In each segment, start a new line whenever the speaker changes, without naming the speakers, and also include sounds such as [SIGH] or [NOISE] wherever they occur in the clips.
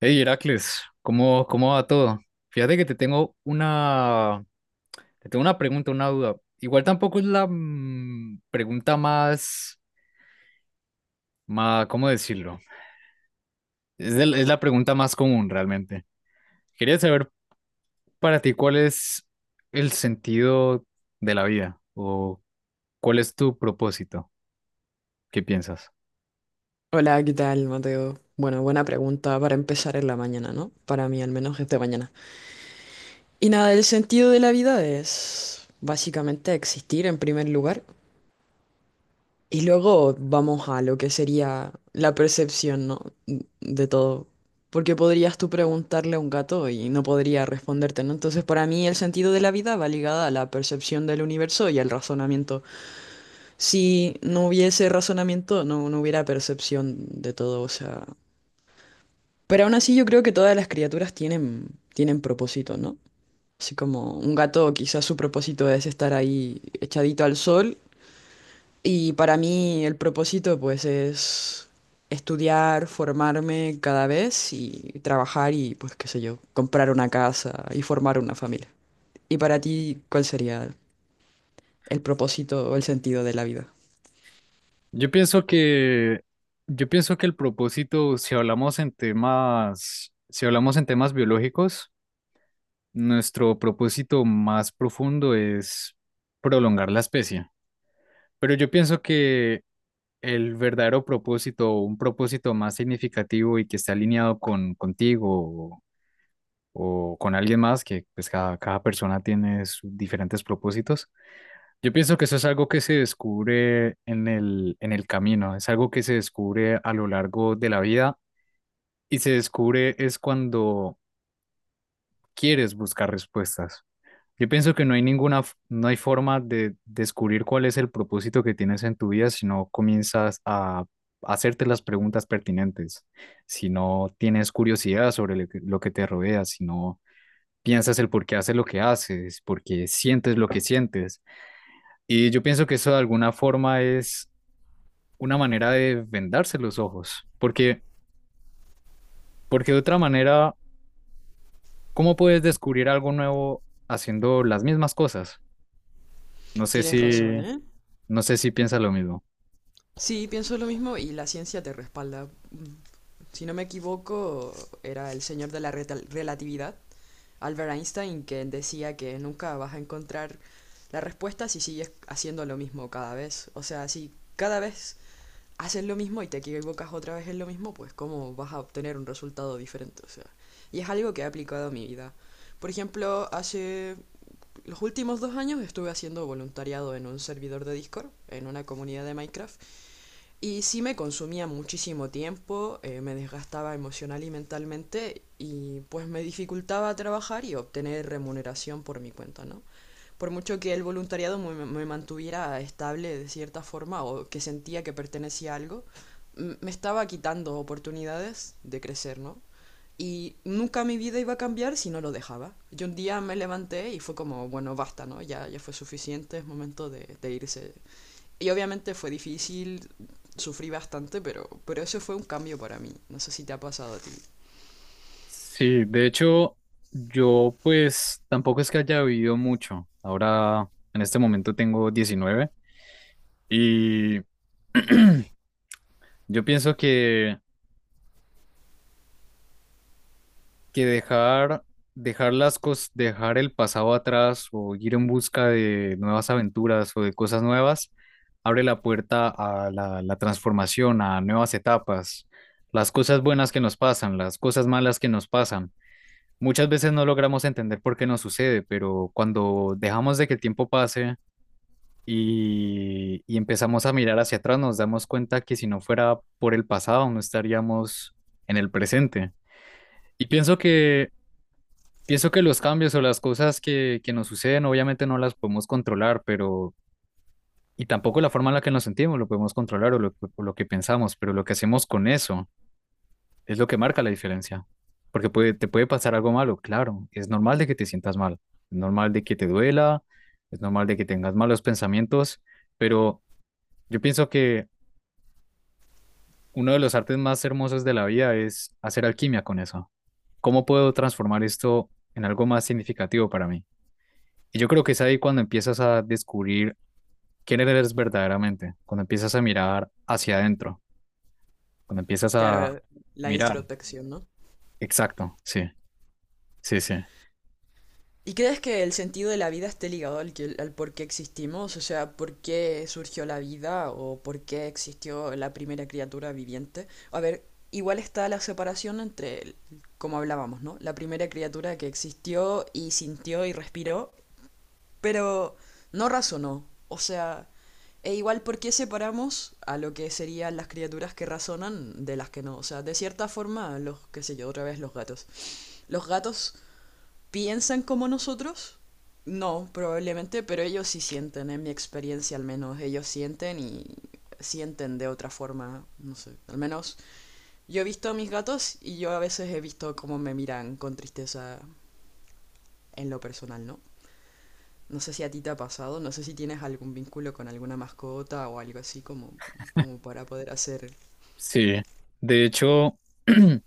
Hey Heracles, ¿cómo va todo? Fíjate que te tengo una pregunta, una duda. Igual tampoco es la pregunta más, más, ¿cómo decirlo? Es la pregunta más común realmente. Quería saber para ti cuál es el sentido de la vida o cuál es tu propósito. ¿Qué piensas?
Hola, ¿qué tal, Mateo? Bueno, buena pregunta para empezar en la mañana, ¿no? Para mí al menos es de mañana. Y nada, el sentido de la vida es básicamente existir en primer lugar y luego vamos a lo que sería la percepción, ¿no? De todo. Porque podrías tú preguntarle a un gato y no podría responderte, ¿no? Entonces, para mí el sentido de la vida va ligada a la percepción del universo y al razonamiento. Si no hubiese razonamiento, no hubiera percepción de todo, o sea... Pero aún así yo creo que todas las criaturas tienen propósito, ¿no? Así como un gato quizás su propósito es estar ahí echadito al sol y para mí el propósito pues es estudiar, formarme cada vez y trabajar y pues qué sé yo, comprar una casa y formar una familia. ¿Y para ti cuál sería el propósito o el sentido de la vida?
Yo pienso que, yo pienso que el propósito, si hablamos en temas biológicos, nuestro propósito más profundo es prolongar la especie, pero yo pienso que el verdadero propósito, un propósito más significativo y que esté alineado contigo o con alguien más, que pues cada persona tiene sus diferentes propósitos. Yo pienso que eso es algo que se descubre en el camino, es algo que se descubre a lo largo de la vida y se descubre es cuando quieres buscar respuestas. Yo pienso que no hay forma de descubrir cuál es el propósito que tienes en tu vida si no comienzas a hacerte las preguntas pertinentes, si no tienes curiosidad sobre lo que te rodea, si no piensas el por qué haces lo que haces, por qué sientes lo que sientes. Y yo pienso que eso de alguna forma es una manera de vendarse los ojos, porque de otra manera, ¿cómo puedes descubrir algo nuevo haciendo las mismas cosas? No sé
Tienes razón,
si,
¿eh?
no sé si piensas lo mismo.
Sí, pienso lo mismo y la ciencia te respalda. Mm, Si no me equivoco, era el señor de la relatividad, Albert Einstein, que decía que nunca vas a encontrar la respuesta si sigues haciendo lo mismo cada vez. O sea, si cada vez haces lo mismo y te equivocas otra vez en lo mismo, pues cómo vas a obtener un resultado diferente. O sea, y es algo que he aplicado a mi vida. Por ejemplo, hace los últimos 2 años estuve haciendo voluntariado en un servidor de Discord, en una comunidad de Minecraft, y sí me consumía muchísimo tiempo, me desgastaba emocional y mentalmente y pues me dificultaba trabajar y obtener remuneración por mi cuenta, ¿no? Por mucho que el voluntariado me mantuviera estable de cierta forma o que sentía que pertenecía a algo, me estaba quitando oportunidades de crecer, ¿no? Y nunca mi vida iba a cambiar si no lo dejaba. Yo un día me levanté y fue como, bueno, basta, ¿no? Ya fue suficiente, es momento de irse y obviamente fue difícil, sufrí bastante, pero eso fue un cambio para mí. No sé si te ha pasado a ti.
Sí, de hecho, yo pues tampoco es que haya vivido mucho. Ahora, en este momento tengo 19 y [CLEARS THROAT] yo pienso que, que dejar las cosas, dejar el pasado atrás o ir en busca de nuevas aventuras o de cosas nuevas, abre la puerta a la transformación, a nuevas etapas. Las cosas buenas que nos pasan, las cosas malas que nos pasan, muchas veces no logramos entender por qué nos sucede, pero cuando dejamos de que el tiempo pase y empezamos a mirar hacia atrás, nos damos cuenta que si no fuera por el pasado, no estaríamos en el presente. Y pienso que, pienso que los cambios o las cosas que nos suceden, obviamente no las podemos controlar, pero, y tampoco la forma en la que nos sentimos lo podemos controlar o lo que pensamos, pero lo que hacemos con eso es lo que marca la diferencia. Porque puede, te puede pasar algo malo, claro. Es normal de que te sientas mal. Es normal de que te duela. Es normal de que tengas malos pensamientos. Pero yo pienso que uno de los artes más hermosos de la vida es hacer alquimia con eso. ¿Cómo puedo transformar esto en algo más significativo para mí? Y yo creo que es ahí cuando empiezas a descubrir quién eres verdaderamente. Cuando empiezas a mirar hacia adentro. Cuando empiezas a
Claro, la
mirar.
introspección, ¿no?
Exacto. Sí, sí, sí.
¿Y crees que el sentido de la vida esté ligado al por qué existimos? O sea, ¿por qué surgió la vida o por qué existió la primera criatura viviente? A ver, igual está la separación como hablábamos, ¿no? La primera criatura que existió y sintió y respiró. Pero no razonó. O sea, e igual por qué separamos a lo que serían las criaturas que razonan de las que no. O sea, de cierta forma, los, qué sé yo, otra vez los gatos. Los gatos piensan como nosotros. No, probablemente, pero ellos sí sienten, en mi experiencia al menos, ellos sienten y sienten de otra forma, no sé. Al menos yo he visto a mis gatos y yo a veces he visto cómo me miran con tristeza en lo personal, ¿no? No sé si a ti te ha pasado, no sé si tienes algún vínculo con alguna mascota o algo así como para poder hacer.
Sí, de hecho, [CLEARS THROAT]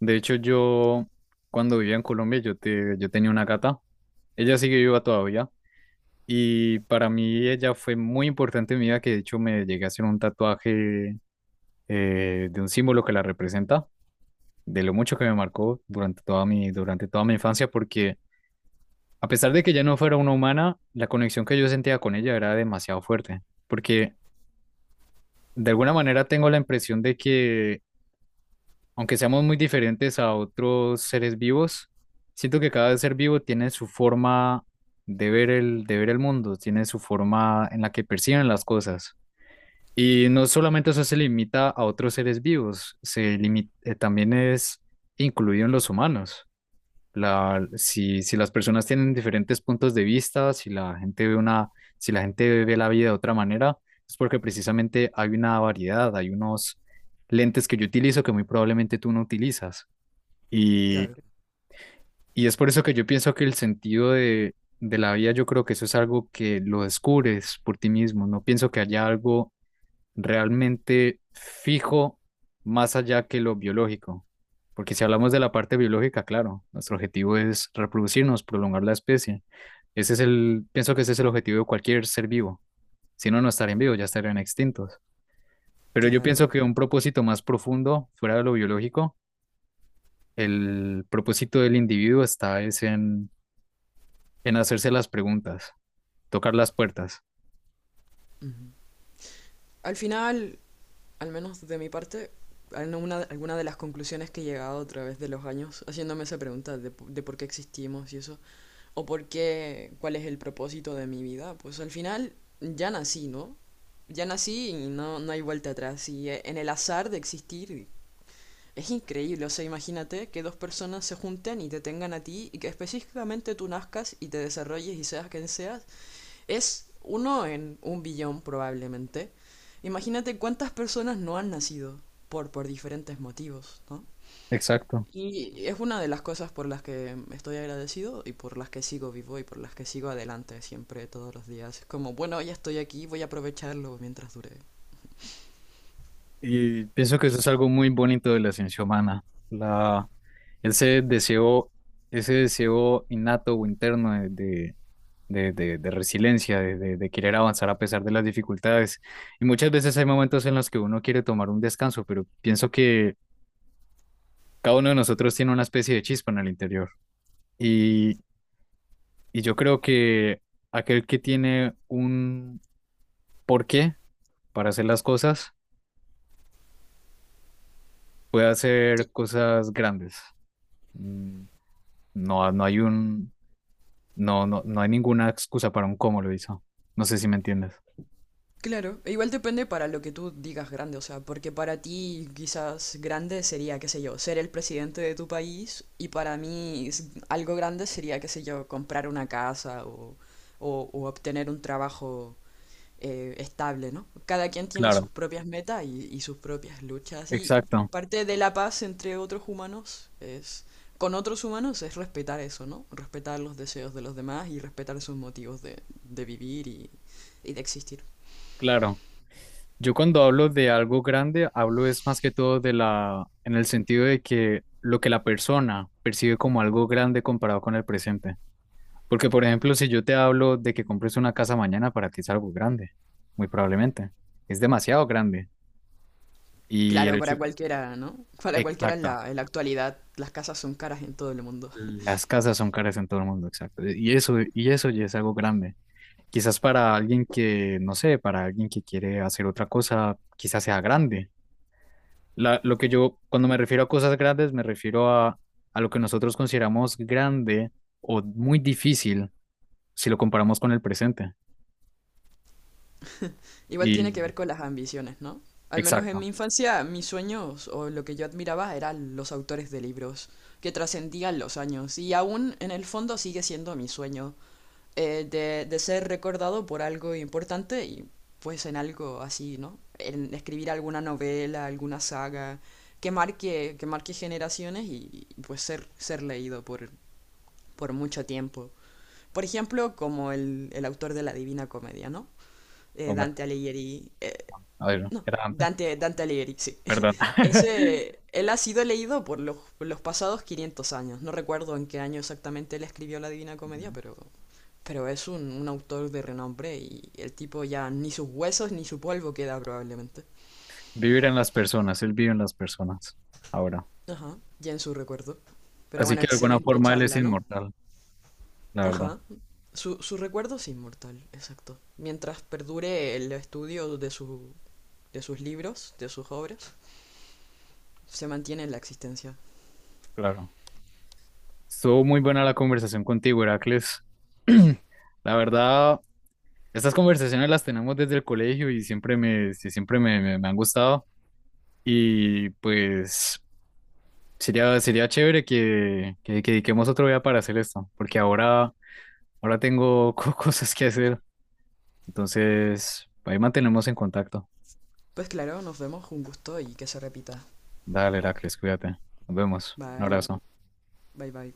de hecho yo cuando vivía en Colombia yo tenía una gata, ella sigue viva todavía y para mí ella fue muy importante en mi vida, que de hecho me llegué a hacer un tatuaje, de un símbolo que la representa, de lo mucho que me marcó durante toda mi infancia, porque a pesar de que ella no fuera una humana, la conexión que yo sentía con ella era demasiado fuerte, porque de alguna manera tengo la impresión de que aunque seamos muy diferentes a otros seres vivos, siento que cada ser vivo tiene su forma de ver el mundo, tiene su forma en la que perciben las cosas. Y no solamente eso se limita a otros seres vivos, también es incluido en los humanos. La, si, si las personas tienen diferentes puntos de vista, si la gente ve una, si la gente ve la vida de otra manera, es porque precisamente hay una variedad, hay unos lentes que yo utilizo que muy probablemente tú no utilizas. Y,
Claro,
y es por eso que yo pienso que el sentido de la vida, yo creo que eso es algo que lo descubres por ti mismo. No pienso que haya algo realmente fijo más allá que lo biológico. Porque si hablamos de la parte biológica, claro, nuestro objetivo es reproducirnos, prolongar la especie. Ese es el, pienso que ese es el objetivo de cualquier ser vivo. Si no, no estarían vivos, ya estarían extintos. Pero yo pienso
claro.
que un propósito más profundo, fuera de lo biológico, el propósito del individuo está es en hacerse las preguntas, tocar las puertas.
Ujú. Al final, al menos de mi parte, al- no una- alguna de las conclusiones que he llegado a través de los años haciéndome esa pregunta de, de por qué existimos y eso, o por qué, cuál es el propósito de mi vida, pues al final ya nací, ¿no? Ya nací y no hay vuelta atrás. Y en el azar de existir es increíble. O sea, imagínate que dos personas se junten y te tengan a ti y que específicamente tú nazcas y te desarrolles y seas quien seas. Es uno en un billón probablemente. Imagínate cuántas personas no han nacido por diferentes motivos, ¿no?
Exacto.
Y es una de las cosas por las que estoy agradecido y por las que sigo vivo y por las que sigo adelante siempre, todos los días. Es como, bueno, ya estoy aquí, voy a aprovecharlo mientras dure.
Y pienso que eso es algo muy bonito de la ciencia humana, la, ese deseo, ese deseo innato o interno de resiliencia, de querer avanzar a pesar de las dificultades. Y muchas veces hay momentos en los que uno quiere tomar un descanso, pero pienso que cada uno de nosotros tiene una especie de chispa en el interior. Y, y yo creo que aquel que tiene un porqué para hacer las cosas puede
Sí,
hacer cosas grandes. Mm, No no hay un, no, no, no hay ninguna excusa para un cómo lo hizo. No sé si me entiendes.
claro, e igual depende para lo que tú digas grande. O sea, porque para ti quizás grande sería, qué sé yo, ser el presidente de tu país y para mí algo grande sería, qué sé yo, comprar una casa o obtener un trabajo estable, ¿no? Cada quien tiene sus
Claro,
propias metas y sus propias luchas y
exacto,
parte de la paz entre otros humanos es, con otros humanos es respetar eso, ¿no? Respetar los deseos de los demás y respetar sus motivos de vivir y de existir.
claro. Yo cuando hablo de algo grande, hablo es más que todo de en el sentido de que lo que la persona percibe como algo grande comparado con el presente. Porque, por ejemplo, si yo te hablo de que compres una casa mañana, para ti es algo grande, muy probablemente. Es demasiado grande. Y el
Claro,
hecho,
para cualquiera, ¿no? Para cualquiera en
exacto.
la, actualidad las casas son caras en todo el mundo.
Las casas son caras en todo el mundo, exacto. Y eso ya es algo grande. Quizás para alguien que, no sé, para alguien que quiere hacer otra cosa, quizás sea grande. Lo que yo, cuando me refiero a cosas grandes, me refiero a lo que nosotros consideramos grande o muy difícil si lo comparamos con el presente.
Igual
Y
tiene que ver con las ambiciones, ¿no? Al menos en mi
exacto.
infancia, mis sueños o lo que yo admiraba eran los autores de libros que trascendían los años y aún en el fondo sigue siendo mi sueño de ser recordado por algo importante y pues en algo así, ¿no? En escribir alguna novela, alguna saga que marque generaciones pues ser leído por mucho tiempo. Por ejemplo, como el autor de la Divina Comedia, ¿no? Dante
Homero,
Alighieri.
a ver,
No,
era antes,
Dante Alighieri, sí.
perdón.
[LAUGHS]
[LAUGHS]
Ese, él ha sido leído por los pasados 500 años. No recuerdo en qué año exactamente él escribió la Divina Comedia,
Ujú.
pero, es un autor de renombre y el tipo ya ni sus huesos ni su polvo queda probablemente.
Vivir en las personas, él vive en las personas ahora.
Ajá, ya en su recuerdo. Pero
Así
bueno,
que de alguna
excelente
forma él es
charla, ¿no?
inmortal, la verdad,
Ajá. Su recuerdo es inmortal, exacto. Mientras perdure el estudio de sus libros, de sus obras, se mantiene en la existencia.
claro. Estuvo muy buena la conversación contigo, Heracles. [CLEARS THROAT] La verdad, estas conversaciones las tenemos desde el colegio y siempre me, sí, me han gustado. Y pues sería chévere que dediquemos otro día para hacer esto, porque ahora, ahora tengo [LAUGHS] cosas que hacer. Entonces, ahí mantenemos en contacto.
Pues claro, nos vemos, un gusto y que se repita.
Dale, Heracles, cuídate. Nos vemos. Un
Bye,
abrazo.
bye, bye.